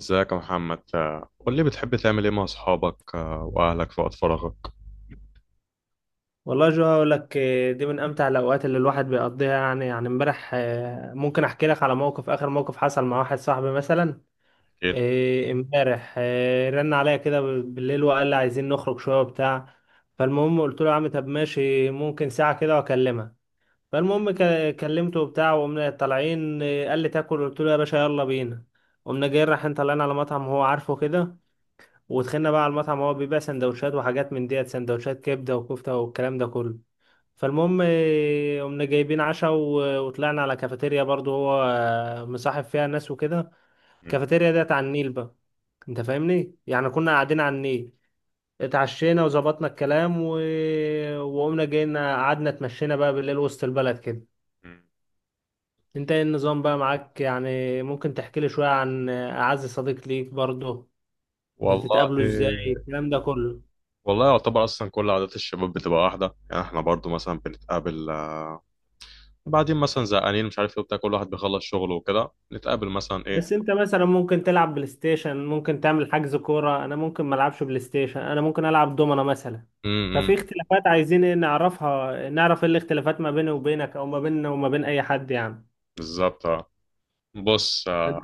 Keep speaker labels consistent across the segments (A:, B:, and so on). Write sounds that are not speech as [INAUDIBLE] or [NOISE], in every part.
A: ازيك يا محمد، قول لي بتحب تعمل ايه مع اصحابك واهلك في وقت فراغك؟
B: والله جو هقول لك دي من امتع الاوقات اللي الواحد بيقضيها، يعني امبارح ممكن احكي لك على موقف. اخر موقف حصل مع واحد صاحبي مثلا،
A: اكيد.
B: امبارح رن عليا كده بالليل وقال لي عايزين نخرج شويه وبتاع. فالمهم قلت له يا عم طب ماشي، ممكن ساعه كده واكلمها. فالمهم كلمته وبتاع وقمنا طالعين، قال لي تاكل، قلت له يا باشا يلا بينا. قمنا جايين رايحين طالعين على مطعم هو عارفه كده، ودخلنا بقى على المطعم. هو بيبيع سندوتشات وحاجات من ديت، سندوتشات كبده وكفته والكلام ده كله. فالمهم قمنا جايبين عشاء وطلعنا على كافيتيريا برضو، هو مصاحب فيها ناس وكده.
A: م-
B: الكافيتيريا ديت على النيل بقى. انت فاهمني؟ يعني كنا قاعدين على النيل، اتعشينا وظبطنا الكلام وقمنا جينا قعدنا اتمشينا بقى بالليل وسط البلد كده.
A: م.
B: انت ايه النظام بقى معاك؟ يعني ممكن تحكي لي شوية عن أعز صديق ليك برضه؟
A: والله
B: بتتقابلوا ازاي، الكلام ده كله؟
A: والله يعتبر اصلا كل عادات الشباب بتبقى واحده، يعني احنا برضو مثلا بنتقابل، بعدين مثلا زهقانين مش عارف ايه وبتاع، كل واحد بيخلص شغله وكده نتقابل مثلا ايه.
B: بس انت مثلا ممكن تلعب بلاي ستيشن، ممكن تعمل حجز كورة. انا ممكن ما العبش بلاي ستيشن، انا ممكن العب دومنا مثلا.
A: امم
B: ففي اختلافات، عايزين ايه نعرفها؟ نعرف ايه الاختلافات ما بيني وبينك، او ما بيننا وما بين اي حد يعني.
A: بالظبط آه. بص،
B: انت.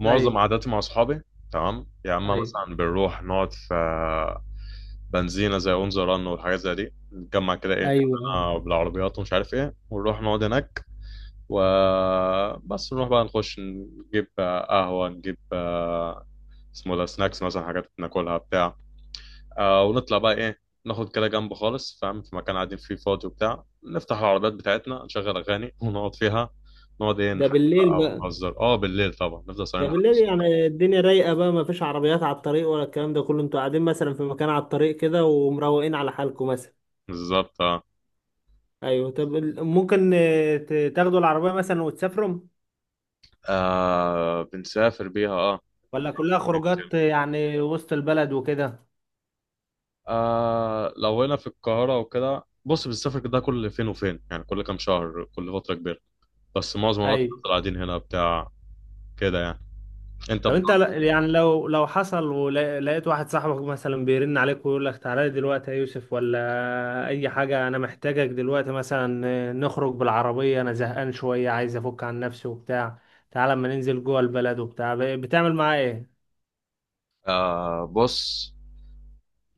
A: معظم
B: ايوه،
A: عاداتي مع اصحابي تمام، يا اما
B: ايوه،
A: مثلا بنروح نقعد في بنزينه زي اون ذا رن والحاجات زي دي، نتجمع كده ايه
B: ايوه، أيوة.
A: كلنا بالعربيات ومش عارف ايه ونروح نقعد هناك، وبس نروح بقى نخش نجيب قهوة، نجيب اسمه ده سناكس مثلا، حاجات ناكلها بتاع. ونطلع بقى ايه، ناخد كده جنب خالص فاهم، في مكان قاعدين فيه فاضي وبتاع، نفتح العربيات بتاعتنا نشغل أغاني ونقعد فيها، نقعد ايه
B: ده
A: نحكي
B: بالليل
A: بقى
B: بقى.
A: ونهزر بالليل، طبعا نفضل
B: ده
A: صايمين لحد
B: بالليل
A: الصبح.
B: يعني الدنيا رايقة بقى، ما فيش عربيات على الطريق ولا الكلام ده كله. انتوا قاعدين مثلا في مكان على الطريق كده ومروقين على حالكم مثلا.
A: بالظبط اه.
B: ايوه. طب ممكن تاخدوا العربية مثلا وتسافروا،
A: بنسافر بيها اه. بنعمل
B: ولا كلها
A: كتير.
B: خروجات يعني وسط البلد وكده؟
A: لو هنا في القاهرة وكده بص بنسافر كده كل فين وفين، يعني كل كام شهر، كل فترة كبيرة. بس معظم الوقت بنفضل
B: ايوه.
A: قاعدين هنا بتاع كده يعني. انت
B: طب انت يعني لو حصل ولقيت واحد صاحبك مثلا بيرن عليك ويقول لك تعالى لي دلوقتي يا يوسف ولا اي حاجة، انا محتاجك دلوقتي مثلا نخرج بالعربية، انا زهقان شوية عايز افك عن نفسي وبتاع، تعالى اما ننزل جوه البلد وبتاع، بتعمل معاه ايه؟
A: بص،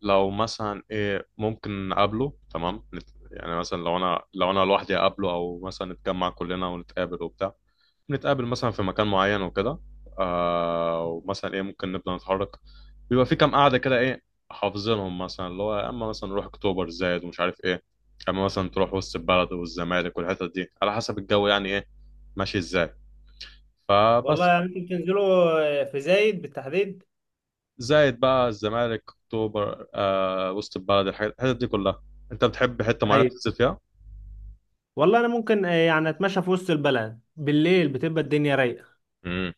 A: لو مثلا ايه ممكن نقابله تمام، يعني مثلا لو انا لوحدي اقابله، او مثلا نتجمع كلنا ونتقابل وبتاع، نتقابل مثلا في مكان معين وكده. ومثلا ايه ممكن نبدأ نتحرك. بيبقى في كام قاعدة كده ايه حافظينهم، مثلا اللي هو يا اما مثلا نروح اكتوبر زايد ومش عارف ايه، يا اما مثلا تروح وسط البلد والزمالك والحتت دي، على حسب الجو يعني ايه ماشي ازاي.
B: والله
A: فبس.
B: يعني انتوا بتنزلوا في زايد بالتحديد؟
A: زائد بقى، الزمالك، اكتوبر، وسط البلد، الحاجات الحتت دي كلها. انت بتحب حته معينه
B: ايوه.
A: تنزل فيها؟
B: والله انا ممكن يعني اتمشى في وسط البلد بالليل، بتبقى الدنيا رايقة.
A: امم.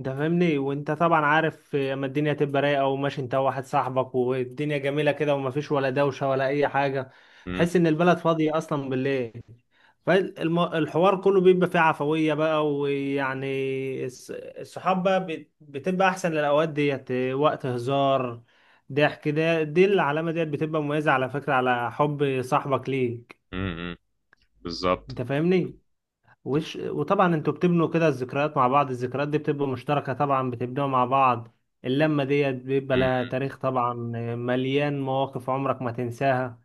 B: انت فاهمني؟ وانت طبعا عارف اما الدنيا تبقى رايقه وماشي انت وواحد صاحبك، والدنيا جميله كده ومفيش ولا دوشه ولا اي حاجه.
A: امم.
B: تحس ان البلد فاضيه اصلا بالليل. فالحوار كله بيبقى فيه عفويه بقى، ويعني الصحاب بقى بتبقى احسن للاوقات ديت، وقت هزار، ضحك. ده دي العلامه ديت بتبقى مميزه على فكره على حب صاحبك ليك.
A: امم. بالظبط.
B: انت فاهمني؟ وطبعا انتوا بتبنوا كده الذكريات مع بعض. الذكريات دي بتبقى مشتركة طبعا، بتبنوها مع بعض. اللمة ديت بيبقى لها
A: مم.
B: تاريخ طبعا، مليان مواقف عمرك ما تنساها.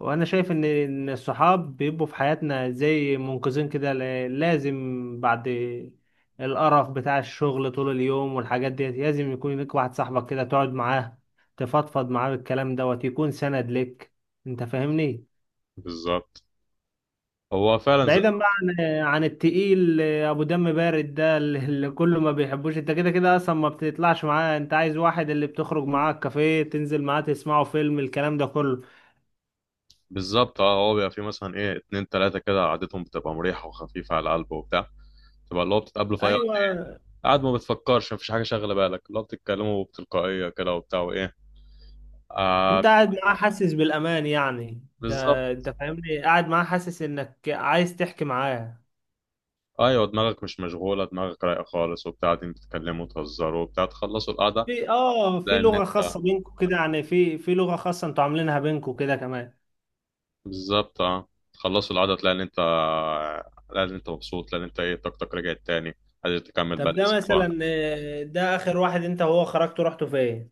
B: وانا شايف ان الصحاب بيبقوا في حياتنا زي منقذين كده. لازم بعد القرف بتاع الشغل طول اليوم والحاجات ديت، لازم يكون لك واحد صاحبك كده تقعد معاه، تفضفض معاه بالكلام دوت، يكون سند لك. انت فاهمني؟
A: بالظبط. هو فعلا زي.
B: بعيدا بقى عن عن التقيل ابو دم بارد ده اللي كله ما بيحبوش. انت كده كده اصلا ما بتطلعش معاه. انت عايز واحد اللي بتخرج معاه الكافيه، تنزل معاه، تسمعوا فيلم، الكلام ده كله.
A: بالظبط اه، هو بيبقى فيه مثلا ايه اتنين تلاته كده قعدتهم بتبقى مريحه وخفيفه على القلب وبتاع، تبقى اللي هو بتتقابلوا في اي وقت،
B: ايوه.
A: قاعد ما بتفكرش، مفيش حاجه شاغله بالك، اللي هو بتتكلموا بتلقائيه كده وبتاع وايه.
B: انت
A: آه.
B: قاعد معاه حاسس بالامان يعني، ده
A: بالظبط.
B: انت فاهمني قاعد معاه حاسس انك عايز تحكي معاه.
A: ايوه، دماغك مش مشغوله، دماغك رايقه خالص وبتاع، قاعدين بتتكلموا وتهزروا وبتاع تخلصوا القعده.
B: في اه في
A: لان
B: لغة
A: انت
B: خاصة بينكم كده يعني؟ في لغة خاصة انتوا عاملينها بينكم كده كمان؟
A: بالظبط اه، تخلصوا العدد، تلاقي ان انت مبسوط، تلاقي ان انت ايه طاقتك رجعت تاني، قادر تكمل
B: طب
A: باقي
B: ده
A: الاسبوع.
B: مثلا ده اخر واحد انت وهو خرجتوا، رحتوا فين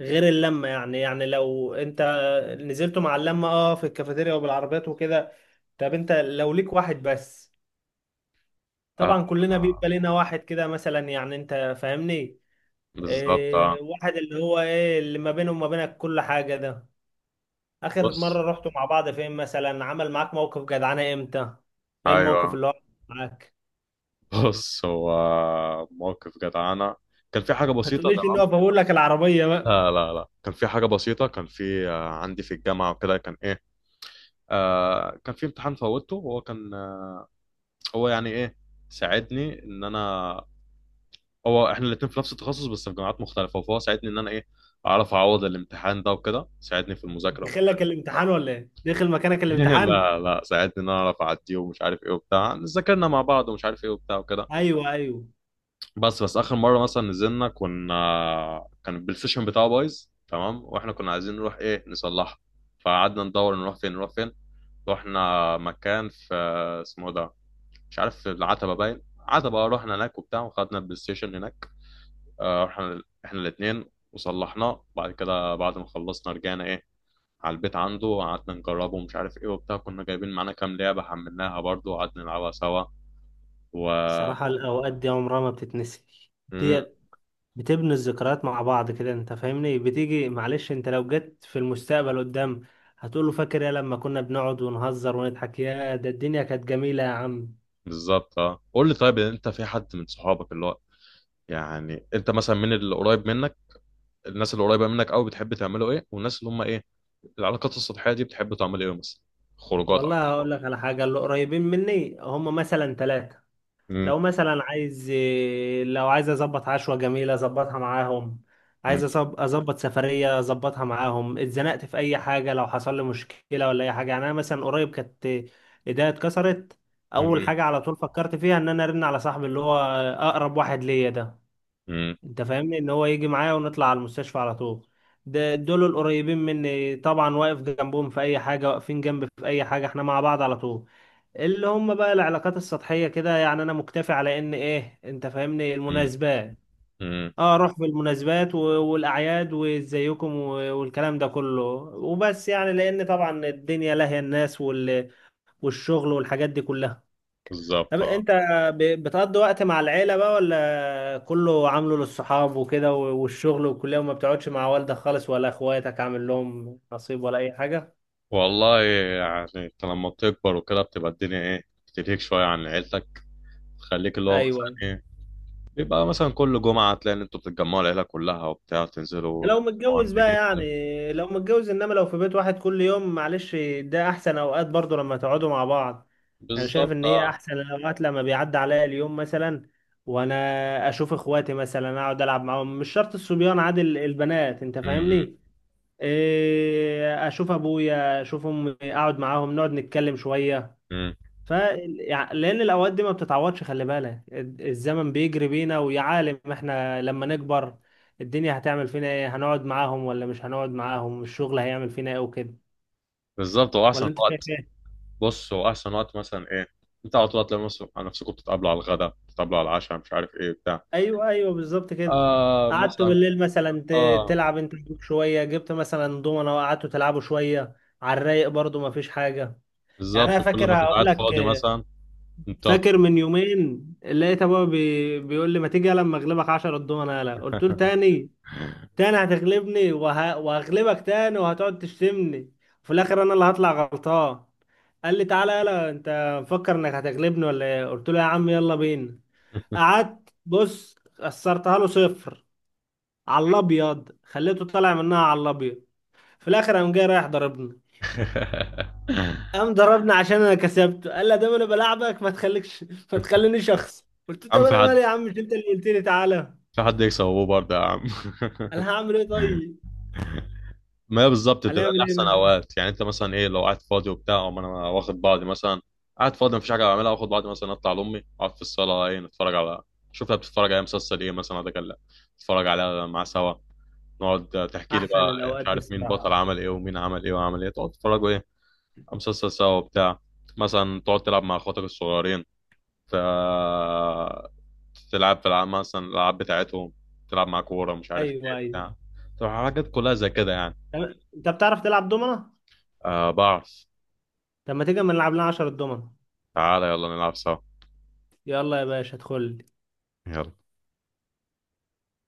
B: غير اللمة؟ يعني لو انت نزلتوا مع اللمة في الكافيتيريا وبالعربيات وكده، طب انت لو ليك واحد بس،
A: اه.
B: طبعا كلنا بيبقى
A: آه.
B: لنا واحد كده مثلا، يعني انت فاهمني،
A: بالظبط اه.
B: واحد اللي هو ايه، اللي ما بينه وما بينك كل حاجة ده، اخر
A: بص.
B: مرة رحتوا مع بعض فين مثلا؟ عمل معاك موقف جدعانة امتى؟ ايه الموقف
A: ايوه.
B: اللي هو عمل معاك؟
A: [LAUGHS] بص هو موقف جدعانة، كان في حاجة
B: ما
A: بسيطة
B: تقوليش ان هو
A: تمام.
B: بقول لك العربية بقى.
A: لا لا لا، كان في حاجة بسيطة، كان في عندي في الجامعة وكده كان إيه، كان في امتحان فوتته، وهو كان هو يعني إيه، ساعدني إن أنا، هو احنا الاتنين في نفس التخصص بس في جامعات مختلفه، فهو ساعدني ان انا ايه اعرف اعوض الامتحان ده، وكده ساعدني في المذاكره
B: دخل
A: وبتاع.
B: لك الامتحان ولا ايه؟ دخل مكانك
A: [LAUGHS]
B: الامتحان؟
A: لا لا، ساعدني ان انا اعرف اعديه ومش عارف ايه وبتاع، ذاكرنا مع بعض ومش عارف ايه وبتاع وكده.
B: ايوه، ايوه.
A: بس بس اخر مره مثلا نزلنا، كنا كان البلاي ستيشن بتاعه بايظ تمام، واحنا كنا عايزين نروح ايه نصلحه، فقعدنا ندور نروح فين نروح فين. رحنا مكان في اسمه ده مش عارف، في العتبه باين، عتبه، رحنا هناك وبتاع وخدنا البلاي ستيشن هناك، رحنا احنا الاتنين وصلحناه، بعد كده بعد ما خلصنا رجعنا ايه على البيت عنده، وقعدنا نجربه ومش عارف ايه وبتاع، كنا جايبين معانا كام لعبة حملناها برضه وقعدنا نلعبها سوا و
B: صراحة الأوقات دي عمرها ما بتتنسي
A: مم.
B: ديت. بتبني الذكريات مع بعض كده، أنت فاهمني؟ بتيجي، معلش، أنت لو جيت في المستقبل قدام هتقوله فاكر يا لما كنا بنقعد ونهزر ونضحك، يا ده الدنيا كانت جميلة يا عم.
A: بالظبط اه، قول لي طيب، انت في حد من صحابك اللي هو يعني انت مثلا من اللي قريب منك، الناس اللي قريبة منك قوي بتحب تعملوا ايه، والناس اللي هم ايه العلاقات السطحية دي بتحب تعمل ايه مثلا؟ خروجات
B: والله
A: أكتر.
B: هقول لك على حاجة. اللي قريبين مني هم مثلا ثلاثة.
A: مم.
B: لو مثلا عايز لو عايز اظبط عشوة جميلة اظبطها معاهم، عايز
A: مم.
B: اظبط سفرية اظبطها معاهم، اتزنقت في اي حاجة، لو حصل لي مشكلة ولا اي حاجة يعني. انا مثلا قريب كانت ايديا اتكسرت، اول
A: مم.
B: حاجة على طول فكرت فيها ان انا ارن على صاحبي اللي هو اقرب واحد ليا ده.
A: مم.
B: انت فاهمني؟ ان هو يجي معايا ونطلع على المستشفى على طول. ده دول القريبين مني طبعا، واقف جنبهم في اي حاجه، واقفين جنبي في اي حاجه، احنا مع بعض على طول. اللي هم بقى العلاقات السطحيه كده، يعني انا مكتفي على ان ايه، انت فاهمني،
A: مم.
B: المناسبات.
A: مم.
B: اه اروح في المناسبات والاعياد وازيكم والكلام ده كله، وبس يعني. لان طبعا الدنيا لاهيه الناس والشغل والحاجات دي كلها. طب
A: بالظبط اه.
B: انت بتقضي وقت مع العيلة بقى، ولا كله عامله للصحاب وكده والشغل والكلية، وما بتقعدش مع والدك خالص ولا اخواتك، عامل لهم نصيب ولا اي حاجة؟
A: والله يعني انت لما بتكبر وكده بتبقى الدنيا ايه بتلهيك شويه عن عيلتك، تخليك اللي هو مثلا
B: ايوه، ايوه.
A: ايه بيبقى مثلا كل جمعه تلاقي ان انتوا بتتجمعوا العيله كلها وبتاع
B: ده
A: تنزلوا
B: لو
A: عند
B: متجوز بقى
A: جدك.
B: يعني، لو متجوز. انما لو في بيت واحد كل يوم، معلش ده احسن اوقات برضو لما تقعدوا مع بعض. انا شايف
A: بالظبط
B: ان هي
A: اه.
B: احسن الاوقات لما بيعدي عليا اليوم مثلا وانا اشوف اخواتي مثلا، اقعد العب معاهم، مش شرط الصبيان، عادي البنات، انت
A: امم.
B: فاهمني، اشوف ابويا، اشوف امي، اقعد معاهم نقعد نتكلم شويه.
A: امم.
B: ف يعني لان الاوقات دي ما بتتعوضش. خلي بالك الزمن بيجري بينا، ويا عالم احنا لما نكبر الدنيا هتعمل فينا ايه، هنقعد معاهم ولا مش هنقعد معاهم، الشغل هيعمل فينا ايه وكده.
A: بالظبط، هو
B: ولا
A: احسن
B: انت شايف
A: وقت.
B: ايه؟
A: بص هو احسن وقت مثلا ايه انت على طول هتلاقي نفسكم بتتقابلوا على الغدا، بتتقابلوا على العشاء مش عارف ايه بتاع.
B: ايوه، ايوه، بالظبط كده.
A: اه
B: قعدت
A: مثلا.
B: بالليل مثلا
A: اه.
B: تلعب انت وأبوك شويه، جبت مثلا دومنا وقعدتوا تلعبوا شويه، على الرايق برضو ما فيش حاجه. يعني انا
A: بالظبط، كل
B: فاكر
A: ما تبقى
B: هقول
A: قاعد
B: لك.
A: فاضي مثلا. انت.
B: فاكر من يومين لقيت ابويا بيقول لي ما تيجي لما اغلبك 10 الضمنه، يلا. قلت له تاني؟ تاني هتغلبني وهغلبك تاني وهتقعد تشتمني، وفي الاخر انا اللي هطلع غلطان. قال لي تعالى يلا، انت مفكر انك هتغلبني ولا ايه؟ قلت له يا عم يلا بينا. قعدت بص خسرتها له صفر على الابيض، خليته طالع منها على الابيض. في الاخر قام جاي رايح ضربني. قام ضربني عشان انا كسبته. قال لا دام انا بلاعبك ما تخليكش، ما
A: [LAUGHS]
B: تخلينيش شخص. قلت له طب
A: عم، في
B: انا مالي
A: حد
B: يا عم، مش انت اللي قلت لي تعالى؟
A: عشان حد يكسب ابوه برضه يا عم؟ [LAUGHS]
B: انا هعمل ايه طيب؟
A: ما هي بالظبط بتبقى
B: هنعمل ايه
A: احسن
B: بقى؟
A: اوقات، يعني انت مثلا ايه لو قاعد فاضي وبتاع أقوم انا واخد بعضي مثلا، قاعد فاضي مفيش حاجه اعملها واخد بعضي مثلا، اطلع لامي اقعد في الصاله ايه نتفرج على، شوفها بتتفرج على مسلسل ايه مثلا ده كان، نتفرج عليها مع سوا، نقعد تحكي لي
B: احسن
A: بقى
B: الاوقات
A: مش
B: دي
A: عارف مين
B: الصراحه.
A: بطل عمل ايه، ومين عمل ايه وعمل ايه، تقعد تتفرجوا ايه على مسلسل سوا وبتاع، مثلا تقعد تلعب مع اخواتك الصغيرين، ت... تلعب في العاب مثلا الالعاب بتاعتهم، تلعب مع كوره مش عارف
B: ايوه،
A: ايه
B: ايوه.
A: بتاع، تبقى حاجات كلها زي كده يعني.
B: انت بتعرف تلعب دومنه؟
A: آه بعرف.
B: طب ما تيجي اما نلعب لنا 10 دومنه.
A: تعالى يلا نلعب سوا.
B: يلا يا باشا ادخل لي.
A: يلا.